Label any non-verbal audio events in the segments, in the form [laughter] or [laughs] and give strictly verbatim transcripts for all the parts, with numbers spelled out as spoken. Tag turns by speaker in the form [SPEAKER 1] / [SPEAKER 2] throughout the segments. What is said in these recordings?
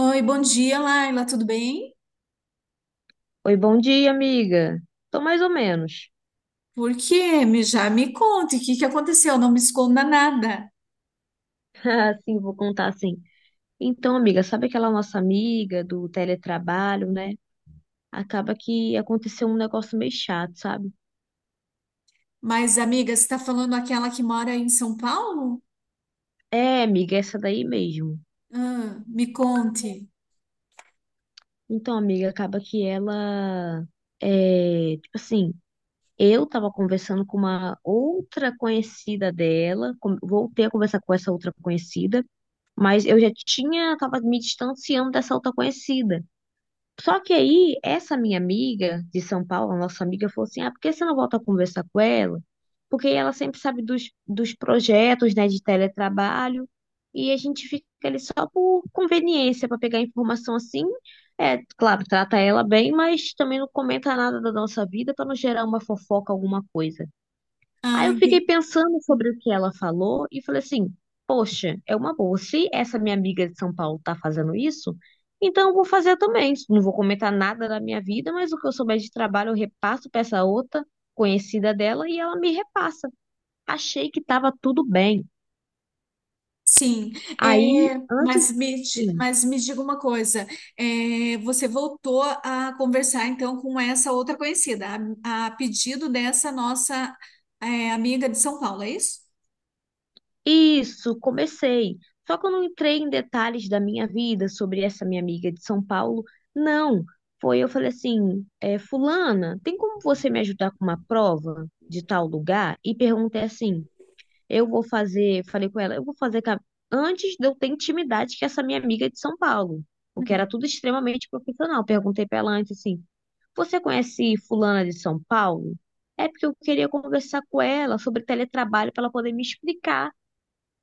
[SPEAKER 1] Oi, bom dia, Laila, tudo bem?
[SPEAKER 2] Oi, bom dia, amiga. Tô mais ou menos.
[SPEAKER 1] Por quê? Me, já me conte, o que que aconteceu? Não me esconda nada.
[SPEAKER 2] [laughs] Ah, sim, vou contar assim. Então, amiga, sabe aquela nossa amiga do teletrabalho, né? Acaba que aconteceu um negócio meio chato, sabe?
[SPEAKER 1] Mas, amiga, você está falando aquela que mora em São Paulo?
[SPEAKER 2] É, amiga, essa daí mesmo.
[SPEAKER 1] Ah, me conte.
[SPEAKER 2] Então, amiga, acaba que ela é, tipo assim, eu tava conversando com uma outra conhecida dela, com- voltei a conversar com essa outra conhecida, mas eu já tinha, tava me distanciando dessa outra conhecida. Só que aí, essa minha amiga de São Paulo, a nossa amiga, falou assim: ah, por que você não volta a conversar com ela? Porque ela sempre sabe dos, dos projetos, né, de teletrabalho, e a gente fica ali só por conveniência, para pegar informação assim. É, claro, trata ela bem, mas também não comenta nada da nossa vida para não gerar uma fofoca, alguma coisa. Aí
[SPEAKER 1] Ah,
[SPEAKER 2] eu
[SPEAKER 1] entendi.
[SPEAKER 2] fiquei pensando sobre o que ela falou e falei assim: poxa, é uma boa. Se essa minha amiga de São Paulo tá fazendo isso, então eu vou fazer também. Não vou comentar nada da minha vida, mas o que eu souber de trabalho eu repasso para essa outra conhecida dela e ela me repassa. Achei que tava tudo bem.
[SPEAKER 1] Sim,
[SPEAKER 2] Aí,
[SPEAKER 1] é,
[SPEAKER 2] antes,
[SPEAKER 1] mas, me, di-
[SPEAKER 2] sim.
[SPEAKER 1] mas me diga uma coisa, é, você voltou a conversar então com essa outra conhecida, a, a pedido dessa nossa é, amiga de São Paulo, é isso?
[SPEAKER 2] Isso, comecei. Só que eu não entrei em detalhes da minha vida sobre essa minha amiga de São Paulo. Não, foi eu falei assim, é, fulana, tem como você me ajudar com uma prova de tal lugar? E perguntei assim, eu vou fazer, falei com ela, eu vou fazer ca- antes de eu ter intimidade com essa minha amiga de São Paulo, porque
[SPEAKER 1] Uhum.
[SPEAKER 2] era tudo extremamente profissional. Perguntei pra ela antes assim, você conhece fulana de São Paulo? É porque eu queria conversar com ela sobre teletrabalho para ela poder me explicar.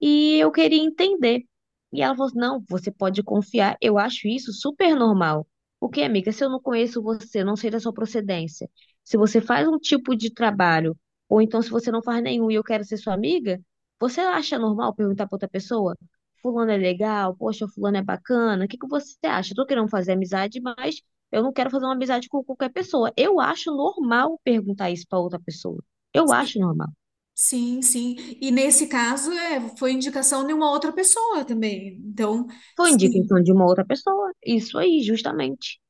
[SPEAKER 2] E eu queria entender. E ela falou assim, não, você pode confiar. Eu acho isso super normal. Porque, amiga, se eu não conheço você, eu não sei da sua procedência, se você faz um tipo de trabalho, ou então se você não faz nenhum e eu quero ser sua amiga, você acha normal perguntar pra outra pessoa? Fulano é legal, poxa, fulano é bacana, o que que você acha? Eu tô querendo fazer amizade, mas eu não quero fazer uma amizade com qualquer pessoa. Eu acho normal perguntar isso pra outra pessoa. Eu acho normal.
[SPEAKER 1] Sim, sim. E nesse caso, é, foi indicação de uma outra pessoa também. Então,
[SPEAKER 2] Foi indicação
[SPEAKER 1] sim,
[SPEAKER 2] de uma outra pessoa, isso aí, justamente.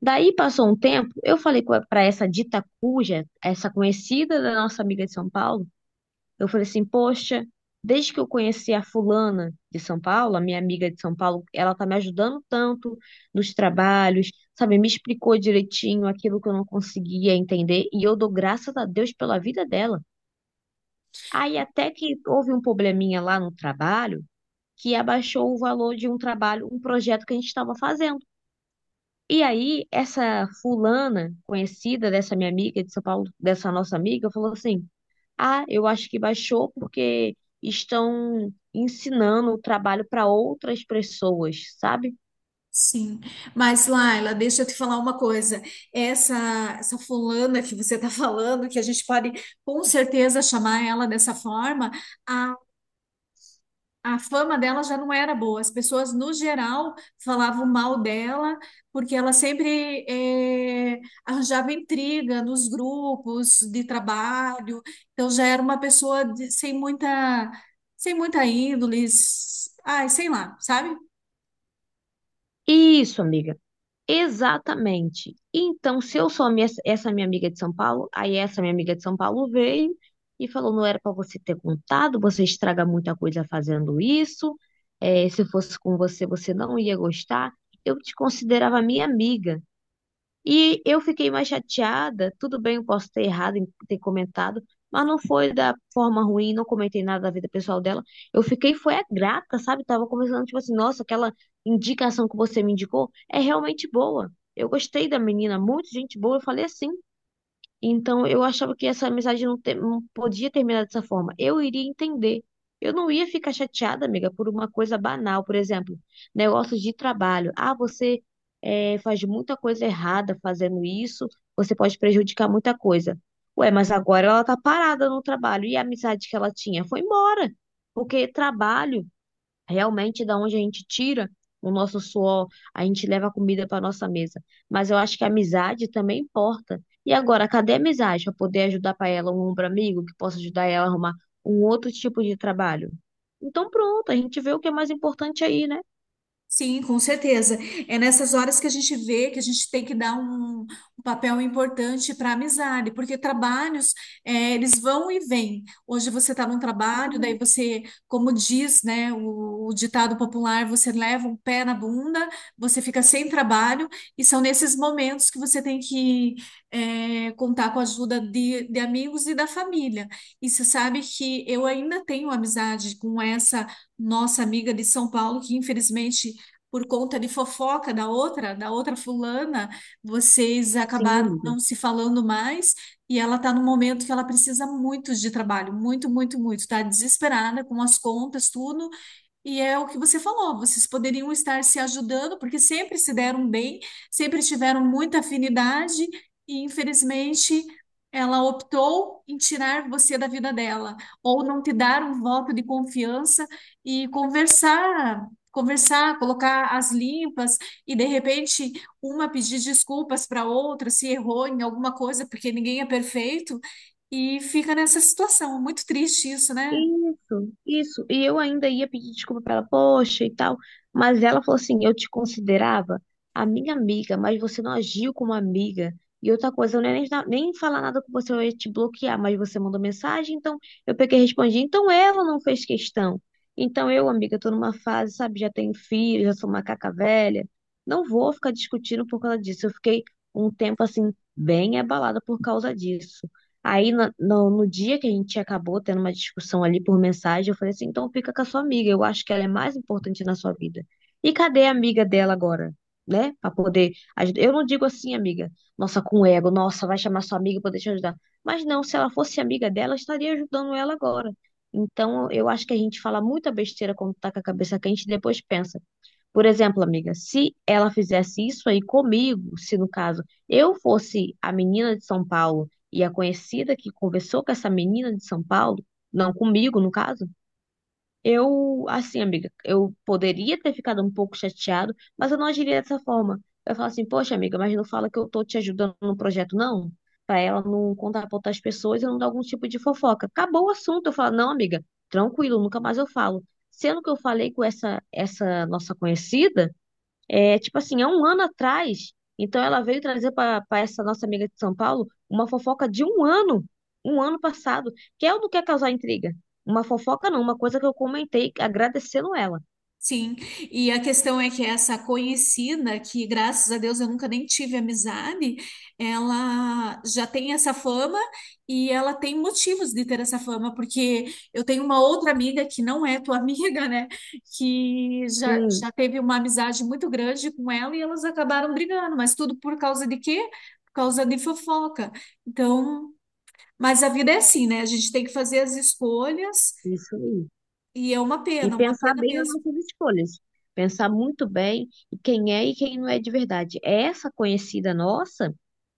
[SPEAKER 2] Daí passou um tempo, eu falei para essa dita cuja, essa conhecida da nossa amiga de São Paulo, eu falei assim: poxa, desde que eu conheci a fulana de São Paulo, a minha amiga de São Paulo, ela tá me ajudando tanto nos trabalhos, sabe? Me explicou direitinho aquilo que eu não conseguia entender e eu dou graças a Deus pela vida dela. Aí até que houve um probleminha lá no trabalho que abaixou o valor de um trabalho, um projeto que a gente estava fazendo. E aí, essa fulana conhecida dessa minha amiga de São Paulo, dessa nossa amiga, falou assim: ah, eu acho que baixou porque estão ensinando o trabalho para outras pessoas, sabe?
[SPEAKER 1] sim. Mas, Laila, deixa eu te falar uma coisa. Essa, Essa fulana que você está falando, que a gente pode com certeza chamar ela dessa forma, a fama dela já não era boa. As pessoas, no geral, falavam mal dela, porque ela sempre eh, arranjava intriga nos grupos de trabalho. Então, já era uma pessoa de- sem muita, sem muita índole, s- ai, sei lá, sabe?
[SPEAKER 2] Isso, amiga. Exatamente. Então, se eu sou a minha- essa minha amiga de São Paulo, aí essa minha amiga de São Paulo veio e falou: não era para você ter contado, você estraga muita coisa fazendo isso. Eh, se fosse com você, você não ia gostar. Eu te considerava minha amiga. E eu fiquei mais chateada. Tudo bem, eu posso ter errado em ter comentado, mas não foi da forma ruim, não comentei nada da vida pessoal dela. Eu fiquei, foi a grata, sabe? Tava conversando, tipo assim, nossa, aquela indicação que você me indicou é realmente boa. Eu gostei da menina, muito gente boa. Eu falei assim. Então, eu achava que essa amizade não, te- não podia terminar dessa forma. Eu iria entender. Eu não ia ficar chateada, amiga, por uma coisa banal, por exemplo, negócio de trabalho. Ah, você eh, faz muita coisa errada fazendo isso, você pode prejudicar muita coisa. Ué, mas agora ela tá parada no trabalho e a amizade que ela tinha foi embora. Porque trabalho, realmente, da onde a gente tira o nosso suor, a gente leva a comida para nossa mesa. Mas eu acho que a amizade também importa. E agora, cadê a amizade para poder ajudar para ela, um ombro amigo que possa ajudar ela a arrumar um outro tipo de trabalho? Então, pronto, a gente vê o que é mais importante aí, né?
[SPEAKER 1] Sim, com certeza. É nessas horas que a gente vê que a gente tem que dar um, um papel importante para a amizade, porque trabalhos, eh, eles vão e vêm. Hoje você está num trabalho, daí
[SPEAKER 2] Exatamente.
[SPEAKER 1] você, como diz, né, o, o ditado popular, você leva um pé na bunda, você fica sem trabalho, e são nesses momentos que você tem que, eh, contar com a ajuda de, de amigos e da família. E você sabe que eu ainda tenho amizade com essa nossa amiga de São Paulo, que infelizmente por conta de fofoca da outra, da outra fulana, vocês
[SPEAKER 2] Sim,
[SPEAKER 1] acabaram
[SPEAKER 2] amiga.
[SPEAKER 1] não se falando mais e ela está num momento que ela precisa muito de trabalho, muito, muito, muito, está desesperada com as contas, tudo, e é o que você falou, vocês poderiam estar se ajudando, porque sempre se deram bem, sempre tiveram muita afinidade, e infelizmente ela optou em tirar você da vida dela, ou não te dar um voto de confiança e conversar, conversar, colocar as limpas, e de repente uma pedir desculpas para outra se errou em alguma coisa, porque ninguém é perfeito, e fica nessa situação. É muito triste isso, né?
[SPEAKER 2] Isso, isso. E eu ainda ia pedir desculpa pra ela, poxa e tal. Mas ela falou assim: eu te considerava a minha amiga, mas você não agiu como amiga. E outra coisa, eu nem, nem falar nada com você, eu ia te bloquear, mas você mandou mensagem, então eu peguei e respondi. Então ela não fez questão. Então eu, amiga, tô numa fase, sabe, já tenho filho, já sou macaca velha. Não vou ficar discutindo por causa disso. Eu fiquei um tempo assim, bem abalada por causa disso. Aí, no, no, no dia que a gente acabou tendo uma discussão ali por mensagem, eu falei assim: então fica com a sua amiga, eu acho que ela é mais importante na sua vida. E cadê a amiga dela agora? Né? Pra poder ajudar. Eu não digo assim, amiga, nossa, com ego, nossa, vai chamar sua amiga pra poder te ajudar. Mas não, se ela fosse amiga dela, eu estaria ajudando ela agora. Então, eu acho que a gente fala muita besteira quando tá com a cabeça quente e depois pensa. Por exemplo, amiga, se ela fizesse isso aí comigo, se no caso eu fosse a menina de São Paulo e a conhecida que conversou com essa menina de São Paulo, não comigo, no caso, eu, assim, amiga, eu poderia ter ficado um pouco chateado, mas eu não agiria dessa forma. Eu falo assim, poxa, amiga, mas não fala que eu tô te ajudando no projeto, não? Pra ela não contar pra outras pessoas e não dar algum tipo de fofoca. Acabou o assunto. Eu falo, não, amiga, tranquilo, nunca mais eu falo. Sendo que eu falei com essa, essa nossa conhecida. É, tipo assim, há um ano atrás. Então ela veio trazer para essa nossa amiga de São Paulo uma fofoca de um ano, um ano passado, que ela não quer causar intriga. Uma fofoca não, uma coisa que eu comentei agradecendo ela.
[SPEAKER 1] Sim, e a questão é que essa conhecida, que graças a Deus eu nunca nem tive amizade, ela já tem essa fama e ela tem motivos de ter essa fama, porque eu tenho uma outra amiga que não é tua [laughs] amiga, né? Que já,
[SPEAKER 2] Sim,
[SPEAKER 1] já teve uma amizade muito grande com ela e elas acabaram brigando, mas tudo por causa de quê? Por causa de fofoca. Então, mas a vida é assim, né? A gente tem que fazer as escolhas
[SPEAKER 2] isso aí.
[SPEAKER 1] e é uma
[SPEAKER 2] E
[SPEAKER 1] pena, uma
[SPEAKER 2] pensar
[SPEAKER 1] pena
[SPEAKER 2] bem nas
[SPEAKER 1] mesmo.
[SPEAKER 2] nossas escolhas. Pensar muito bem em quem é e quem não é de verdade. Essa conhecida nossa,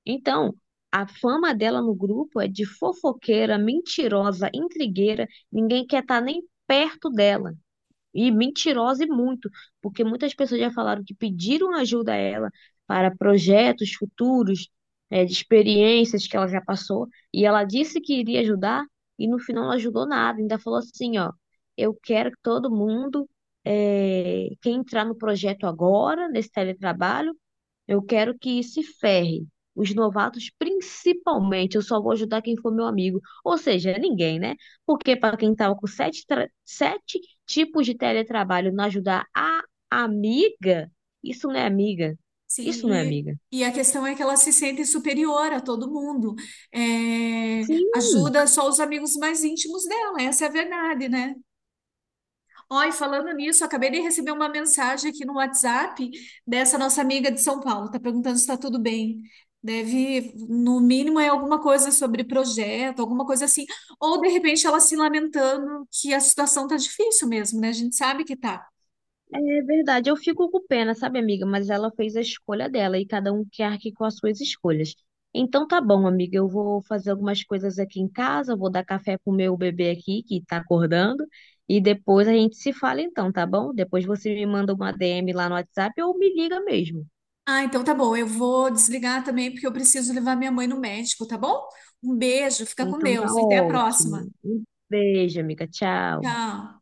[SPEAKER 2] então, a fama dela no grupo é de fofoqueira, mentirosa, intrigueira, ninguém quer estar nem perto dela. E mentirosa e muito, porque muitas pessoas já falaram que pediram ajuda a ela para projetos futuros, eh, de experiências que ela já passou, e ela disse que iria ajudar, e no final não ajudou nada, ainda falou assim, ó, eu quero que todo mundo, eh, quem entrar no projeto agora, nesse teletrabalho, eu quero que se ferre. Os novatos, principalmente, eu só vou ajudar quem for meu amigo. Ou seja, ninguém, né? Porque para quem estava com sete, tra- sete tipos de teletrabalho não ajudar a amiga, isso não é amiga.
[SPEAKER 1] Sim,
[SPEAKER 2] Isso não é amiga.
[SPEAKER 1] e, e a questão é que ela se sente superior a todo mundo. É, ajuda só os amigos mais íntimos dela, essa é a verdade, né? Ó, e falando nisso, acabei de receber uma mensagem aqui no WhatsApp dessa nossa amiga de São Paulo, tá perguntando se está tudo bem. Deve, no mínimo, é alguma coisa sobre projeto, alguma coisa assim. Ou de repente ela se lamentando que a situação tá difícil mesmo, né? A gente sabe que tá.
[SPEAKER 2] É verdade, eu fico com pena, sabe, amiga? Mas ela fez a escolha dela e cada um que arque com as suas escolhas. Então tá bom, amiga, eu vou fazer algumas coisas aqui em casa, vou dar café pro meu bebê aqui que tá acordando e depois a gente se fala então, tá bom? Depois você me manda uma D M lá no WhatsApp ou me liga mesmo.
[SPEAKER 1] Ah, então tá bom. Eu vou desligar também porque eu preciso levar minha mãe no médico, tá bom? Um beijo, fica com
[SPEAKER 2] Então tá
[SPEAKER 1] Deus. Até a próxima.
[SPEAKER 2] ótimo. Um beijo, amiga, tchau.
[SPEAKER 1] Tchau.